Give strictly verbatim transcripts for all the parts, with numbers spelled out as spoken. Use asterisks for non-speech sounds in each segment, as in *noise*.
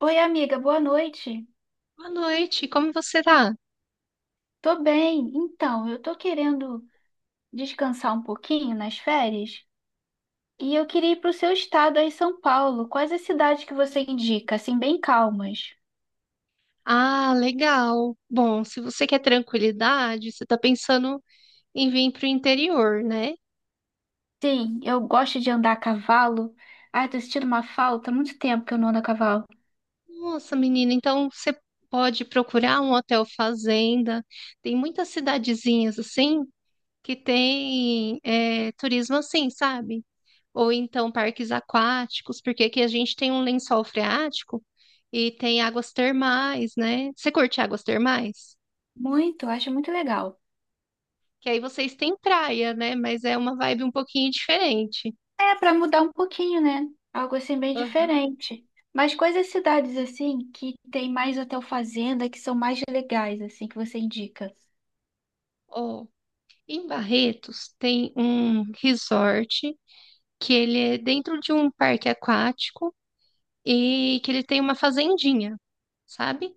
Oi, amiga, boa noite. Boa noite, como você tá? Tô bem. Então, eu tô querendo descansar um pouquinho nas férias e eu queria ir pro seu estado aí, São Paulo. Quais as cidades que você indica, assim, bem calmas? Ah, legal. Bom, se você quer tranquilidade, você tá pensando em vir pro interior, né? Sim, eu gosto de andar a cavalo. Ai, tô sentindo uma falta, há muito tempo que eu não ando a cavalo. Nossa, menina, então você pode procurar um hotel fazenda. Tem muitas cidadezinhas assim que tem é, turismo assim, sabe? Ou então parques aquáticos, porque aqui a gente tem um lençol freático e tem águas termais, né? Você curte águas termais? Muito, eu acho muito legal. Que aí vocês têm praia, né? Mas é uma vibe um pouquinho diferente. É, pra mudar um pouquinho, né? Algo assim bem Aham. diferente. Mas quais as cidades assim que tem mais hotel fazenda, que são mais legais assim que você indica? Ó, em Barretos tem um resort que ele é dentro de um parque aquático e que ele tem uma fazendinha, sabe?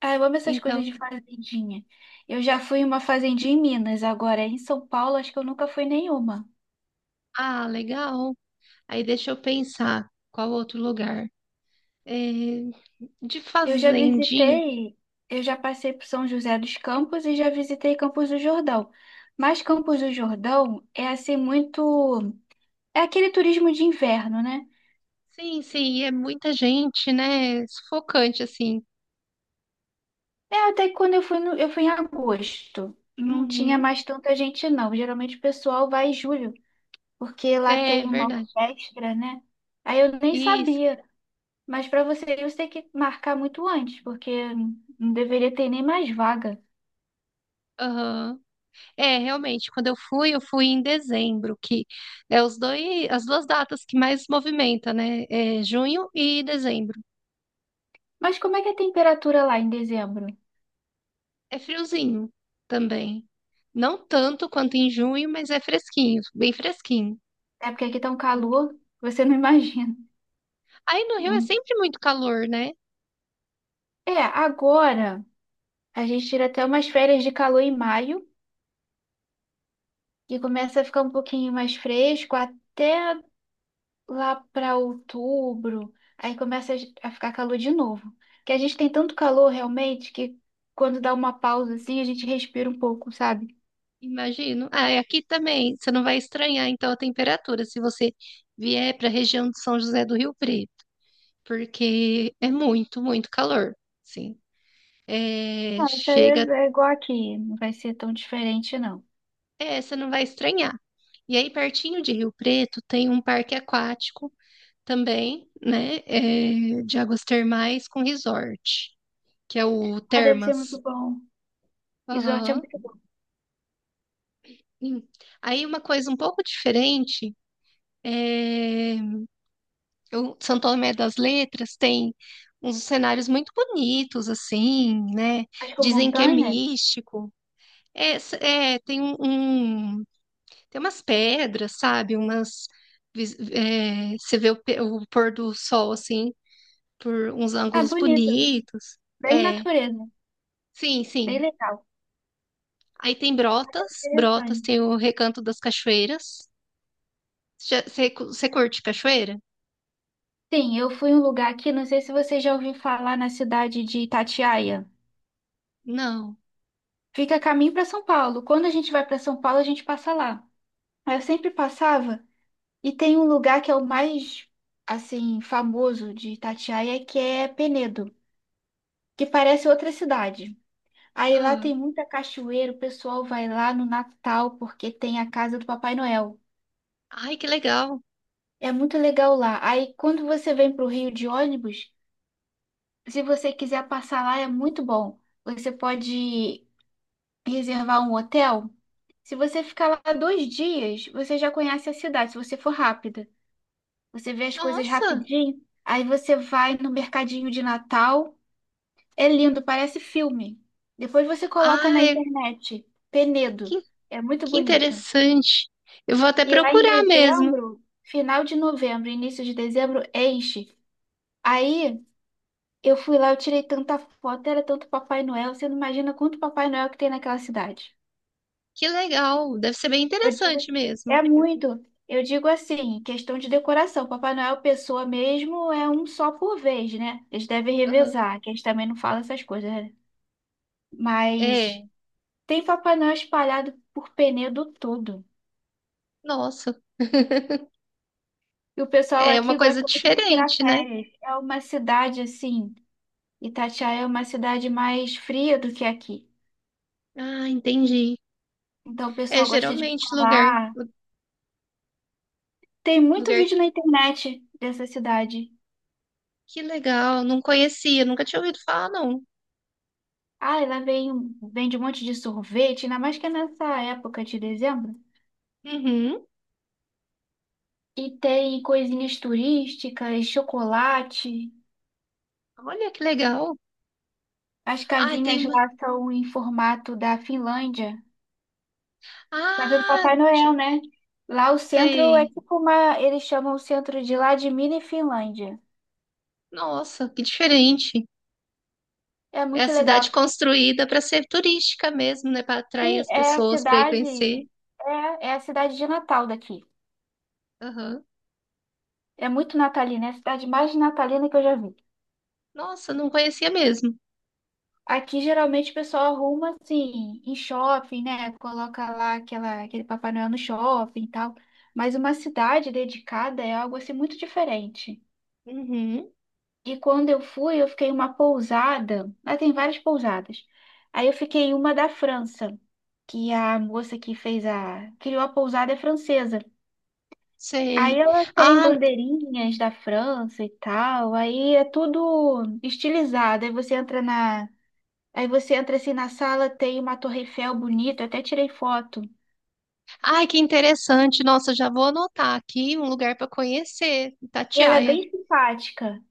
Ah, eu amo essas coisas Então, de fazendinha. Eu já fui em uma fazendinha em Minas, agora em São Paulo acho que eu nunca fui nenhuma. ah, legal. Aí deixa eu pensar qual outro lugar. É, de Eu já fazendinha. visitei, eu já passei por São José dos Campos e já visitei Campos do Jordão. Mas Campos do Jordão é assim muito, é aquele turismo de inverno, né? Sim, sim, é muita gente, né? Sufocante, assim. É até que quando eu fui no- eu fui em agosto, não tinha Uhum. mais tanta gente não. Geralmente o pessoal vai em julho, porque lá É tem uma verdade. orquestra, né? Aí eu nem Isso. sabia. Mas para você ir, você tem que marcar muito antes, porque não deveria ter nem mais vaga. Aham. É, realmente, quando eu fui, eu fui em dezembro, que é os dois, as duas datas que mais movimenta, né? É junho e dezembro. Mas como é que é a temperatura lá em dezembro? É friozinho também. Não tanto quanto em junho, mas é fresquinho, bem fresquinho. É porque aqui tá um Sim. calor, você não *laughs* imagina. Aí no Rio é Hum. sempre muito calor, né? É, agora a gente tira até umas férias de calor em maio, que começa a ficar um pouquinho mais fresco até lá para outubro. Aí começa a ficar calor de novo. Que a gente tem tanto calor realmente que quando dá uma pausa assim, a gente respira um pouco, sabe? Imagino. Ah, e aqui também, você não vai estranhar então a temperatura se você vier para a região de São José do Rio Preto, porque é muito, muito calor. Sim. É, Ah, isso aí é chega, é igual aqui, não vai ser tão diferente, não. é, você não vai estranhar. E aí, pertinho de Rio Preto, tem um parque aquático também, né? é, de águas termais com resort, que é o Ah, deve ser muito Termas. bom. Resort é Aham. muito bom. Hum. Aí, uma coisa um pouco diferente, é, o São Tomé das Letras tem uns cenários muito bonitos, assim, né? As com Dizem que é montanhas? místico. É, s- é, tem um, um- tem umas pedras, sabe? Umas. vis- é, você vê o, pe- o pôr do sol assim por uns Ah, ângulos bonito. bonitos. Bem É, natureza. sim, Bem sim. legal. Aí tem Brotas, Brotas Interessante. tem o Recanto das Cachoeiras. Já- Você você curte cachoeira? Sim, eu fui em um lugar aqui, não sei se você já ouviu falar na cidade de Itatiaia. Não. Fica a caminho para São Paulo. Quando a gente vai para São Paulo, a gente passa lá. Aí eu sempre passava e tem um lugar que é o mais, assim, famoso de Itatiaia, que é Penedo, que parece outra cidade. Aí lá Ah, tem muita cachoeira, o pessoal vai lá no Natal porque tem a casa do Papai Noel. ai, que legal. É muito legal lá. Aí quando você vem para o Rio de ônibus, se você quiser passar lá, é muito bom. Você pode reservar um hotel. Se você ficar lá dois dias, você já conhece a cidade, se você for rápida. Você vê as coisas Nossa, rapidinho, aí você vai no mercadinho de Natal. É lindo, parece filme. Depois você coloca na ai, internet, Penedo. que, É muito que bonito. interessante. Eu vou até E lá em procurar mesmo. dezembro, final de novembro, início de dezembro, enche. Aí eu fui lá, eu tirei tanta foto, era tanto Papai Noel, você não imagina quanto Papai Noel que tem naquela cidade. Que legal, deve ser bem Eu digo, interessante mesmo. é muito. Eu digo assim, questão de decoração. Papai Noel, pessoa mesmo, é um só por vez, né? Eles devem Aham. revezar, que a gente também não fala essas coisas, né? É, Mas tem Papai Noel espalhado por Penedo todo. nossa, *laughs* E o pessoal é uma aqui coisa gosta muito de tirar diferente, né? férias. É uma cidade assim. Itatiaia é uma cidade mais fria do que aqui. Ah, entendi. Então o É pessoal gosta de geralmente lugar, falar. Tem muito lugar vídeo na internet dessa cidade. Que legal, não conhecia, nunca tinha ouvido falar, não. Ah, ela vem, vende um monte de sorvete, ainda mais que é nessa época de dezembro. Uhum. E tem coisinhas turísticas, chocolate. Olha que legal. As Ah, tem casinhas uma. lá são em formato da Finlândia. Casa do Ah, Papai Noel, de- né? Lá o centro é sei. tipo uma. Eles chamam o centro de lá de Mini Finlândia. Nossa, que diferente. É É a muito legal. cidade construída para ser turística mesmo, né? Para atrair Sim, as é a pessoas para ir cidade, conhecer. é, é a cidade de Natal daqui. Aham. É muito natalina, é a cidade mais natalina que eu já vi. Nossa, não conhecia mesmo. Aqui geralmente o pessoal arruma assim, em shopping, né? Coloca lá aquela, aquele Papai Noel no shopping e tal. Mas uma cidade dedicada é algo assim muito diferente. Uhum. E quando eu fui, eu fiquei em uma pousada. Lá tem várias pousadas. Aí eu fiquei em uma da França, que a moça que fez a, criou a pousada é francesa. Aí Sei. ela tem Ah, bandeirinhas da França e tal, aí é tudo estilizado. Aí você entra na, aí você entra assim na sala, tem uma Torre Eiffel bonita, até tirei foto. ai, que interessante. Nossa, já vou anotar aqui um lugar para conhecer, E ela é Itatiaia. bem simpática,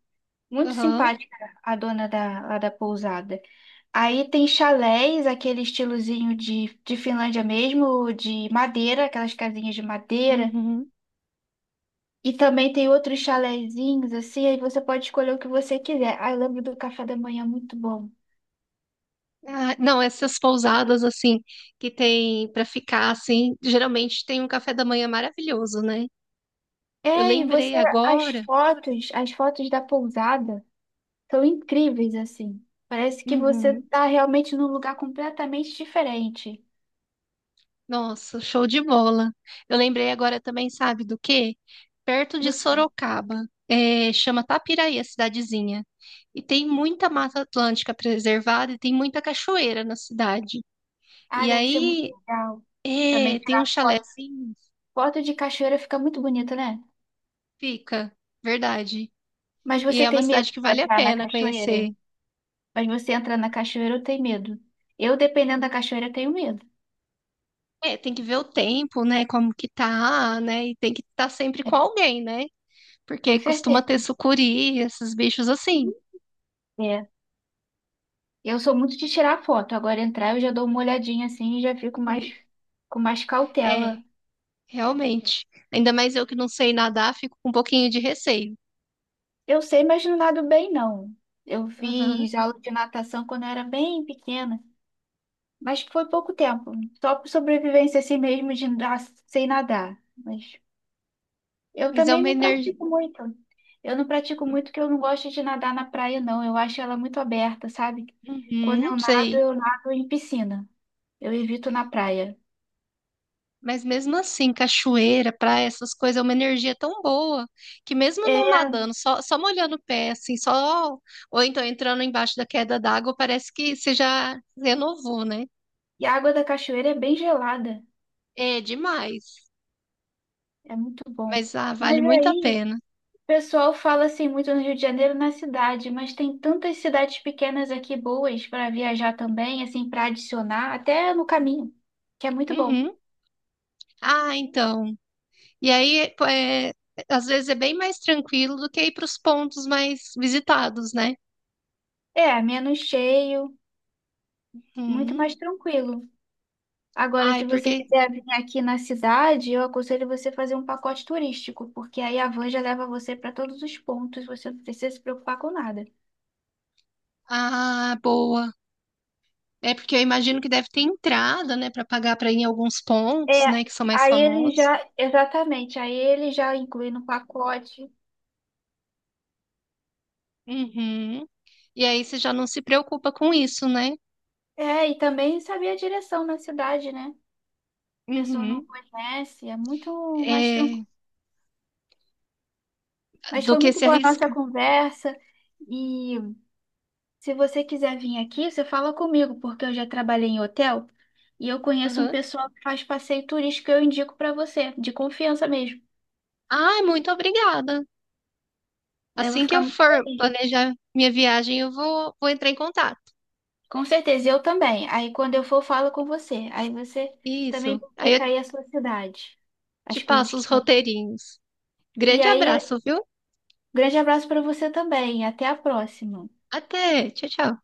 muito Aham. simpática a dona da, lá da pousada. Aí tem chalés, aquele estilozinho de, de Finlândia mesmo, de madeira, aquelas casinhas de madeira. Uhum. E também tem outros chalézinhos assim, aí você pode escolher o que você quiser. Aí eu lembro do café da manhã muito bom. Ah, não, essas pousadas assim que tem para ficar assim, geralmente tem um café da manhã maravilhoso, né? Eu É, e lembrei você, as agora. fotos, as fotos da pousada são incríveis, assim. Parece que você Uhum. tá realmente num lugar completamente diferente Nossa, show de bola. Eu lembrei agora também, sabe do quê? Perto de do que. Sorocaba, é, chama Tapiraí, a cidadezinha. E tem muita mata atlântica preservada e tem muita cachoeira na cidade. Ah, E deve ser muito aí, legal. Também é, tem um tirar foto. chalézinho, Foto de cachoeira fica muito bonita, né? fica, verdade. Mas E você é uma tem medo cidade que de vale a entrar na pena cachoeira? conhecer. Mas você entra na cachoeira, eu tenho medo. Eu, dependendo da cachoeira, eu tenho medo. É, tem que ver o tempo, né? Como que tá, né? E tem que estar sempre É, com alguém, né? com Porque costuma certeza. ter sucuri, esses bichos assim. É. Eu sou muito de tirar foto. Agora entrar, eu já dou uma olhadinha assim e já fico mais com mais É, cautela. realmente. Ainda mais eu que não sei nadar, fico com um pouquinho de receio. Eu sei, mas não nado bem, não. Eu Aham. fiz aula de natação quando eu era bem pequena, mas foi pouco tempo, só por sobrevivência assim mesmo de nadar sem nadar. Mas eu Mas é também uma não energia. pratico muito. Eu não pratico muito porque eu não gosto de nadar na praia, não. Eu acho ela muito aberta, sabe? Quando Uhum, eu nado, sei. eu nado em piscina. Eu evito na praia. Mas mesmo assim, cachoeira, praia, essas coisas, é uma energia tão boa que mesmo É, não nadando, só, só molhando o pé, assim, só. Ou então entrando embaixo da queda d'água, parece que você já renovou, né? e a água da cachoeira é bem gelada, É demais. é muito bom. Mas ah, vale Mas muito a aí pena. o pessoal fala assim muito no Rio de Janeiro na cidade, mas tem tantas cidades pequenas aqui boas para viajar também, assim, para adicionar, até no caminho, que é muito bom. Uhum. Ah, então. E aí, pô, é, às vezes é bem mais tranquilo do que ir para os pontos mais visitados, né? É, menos cheio, muito Uhum. mais tranquilo. Agora, Ai, se você porque. quiser vir aqui na cidade, eu aconselho você fazer um pacote turístico, porque aí a van já leva você para todos os pontos, você não precisa se preocupar com nada. Ah, boa. É porque eu imagino que deve ter entrada, né, para pagar para ir em alguns pontos, É, né, que são mais aí ele famosos. já, exatamente, aí ele já inclui no pacote. Uhum. E aí você já não se preocupa com isso, né? É, e também saber a direção na cidade, né? A pessoa não Uhum. conhece, é muito mais tranquilo. É, Mas do foi que muito se boa a nossa arriscar. conversa. E se você quiser vir aqui, você fala comigo, porque eu já trabalhei em hotel e eu conheço um Uhum. pessoal que faz passeio turístico que eu indico para você, de confiança mesmo. Ai, muito obrigada. Eu vou Assim que ficar eu muito for feliz. planejar minha viagem, eu vou, vou entrar em contato. Com certeza, eu também. Aí quando eu for, eu falo com você. Aí você também Isso. me Aí eu indica aí a sua cidade, te as coisas passo os que tem. roteirinhos. E Grande aí, abraço, viu? grande abraço para você também. Até a próxima. Até. Tchau, tchau.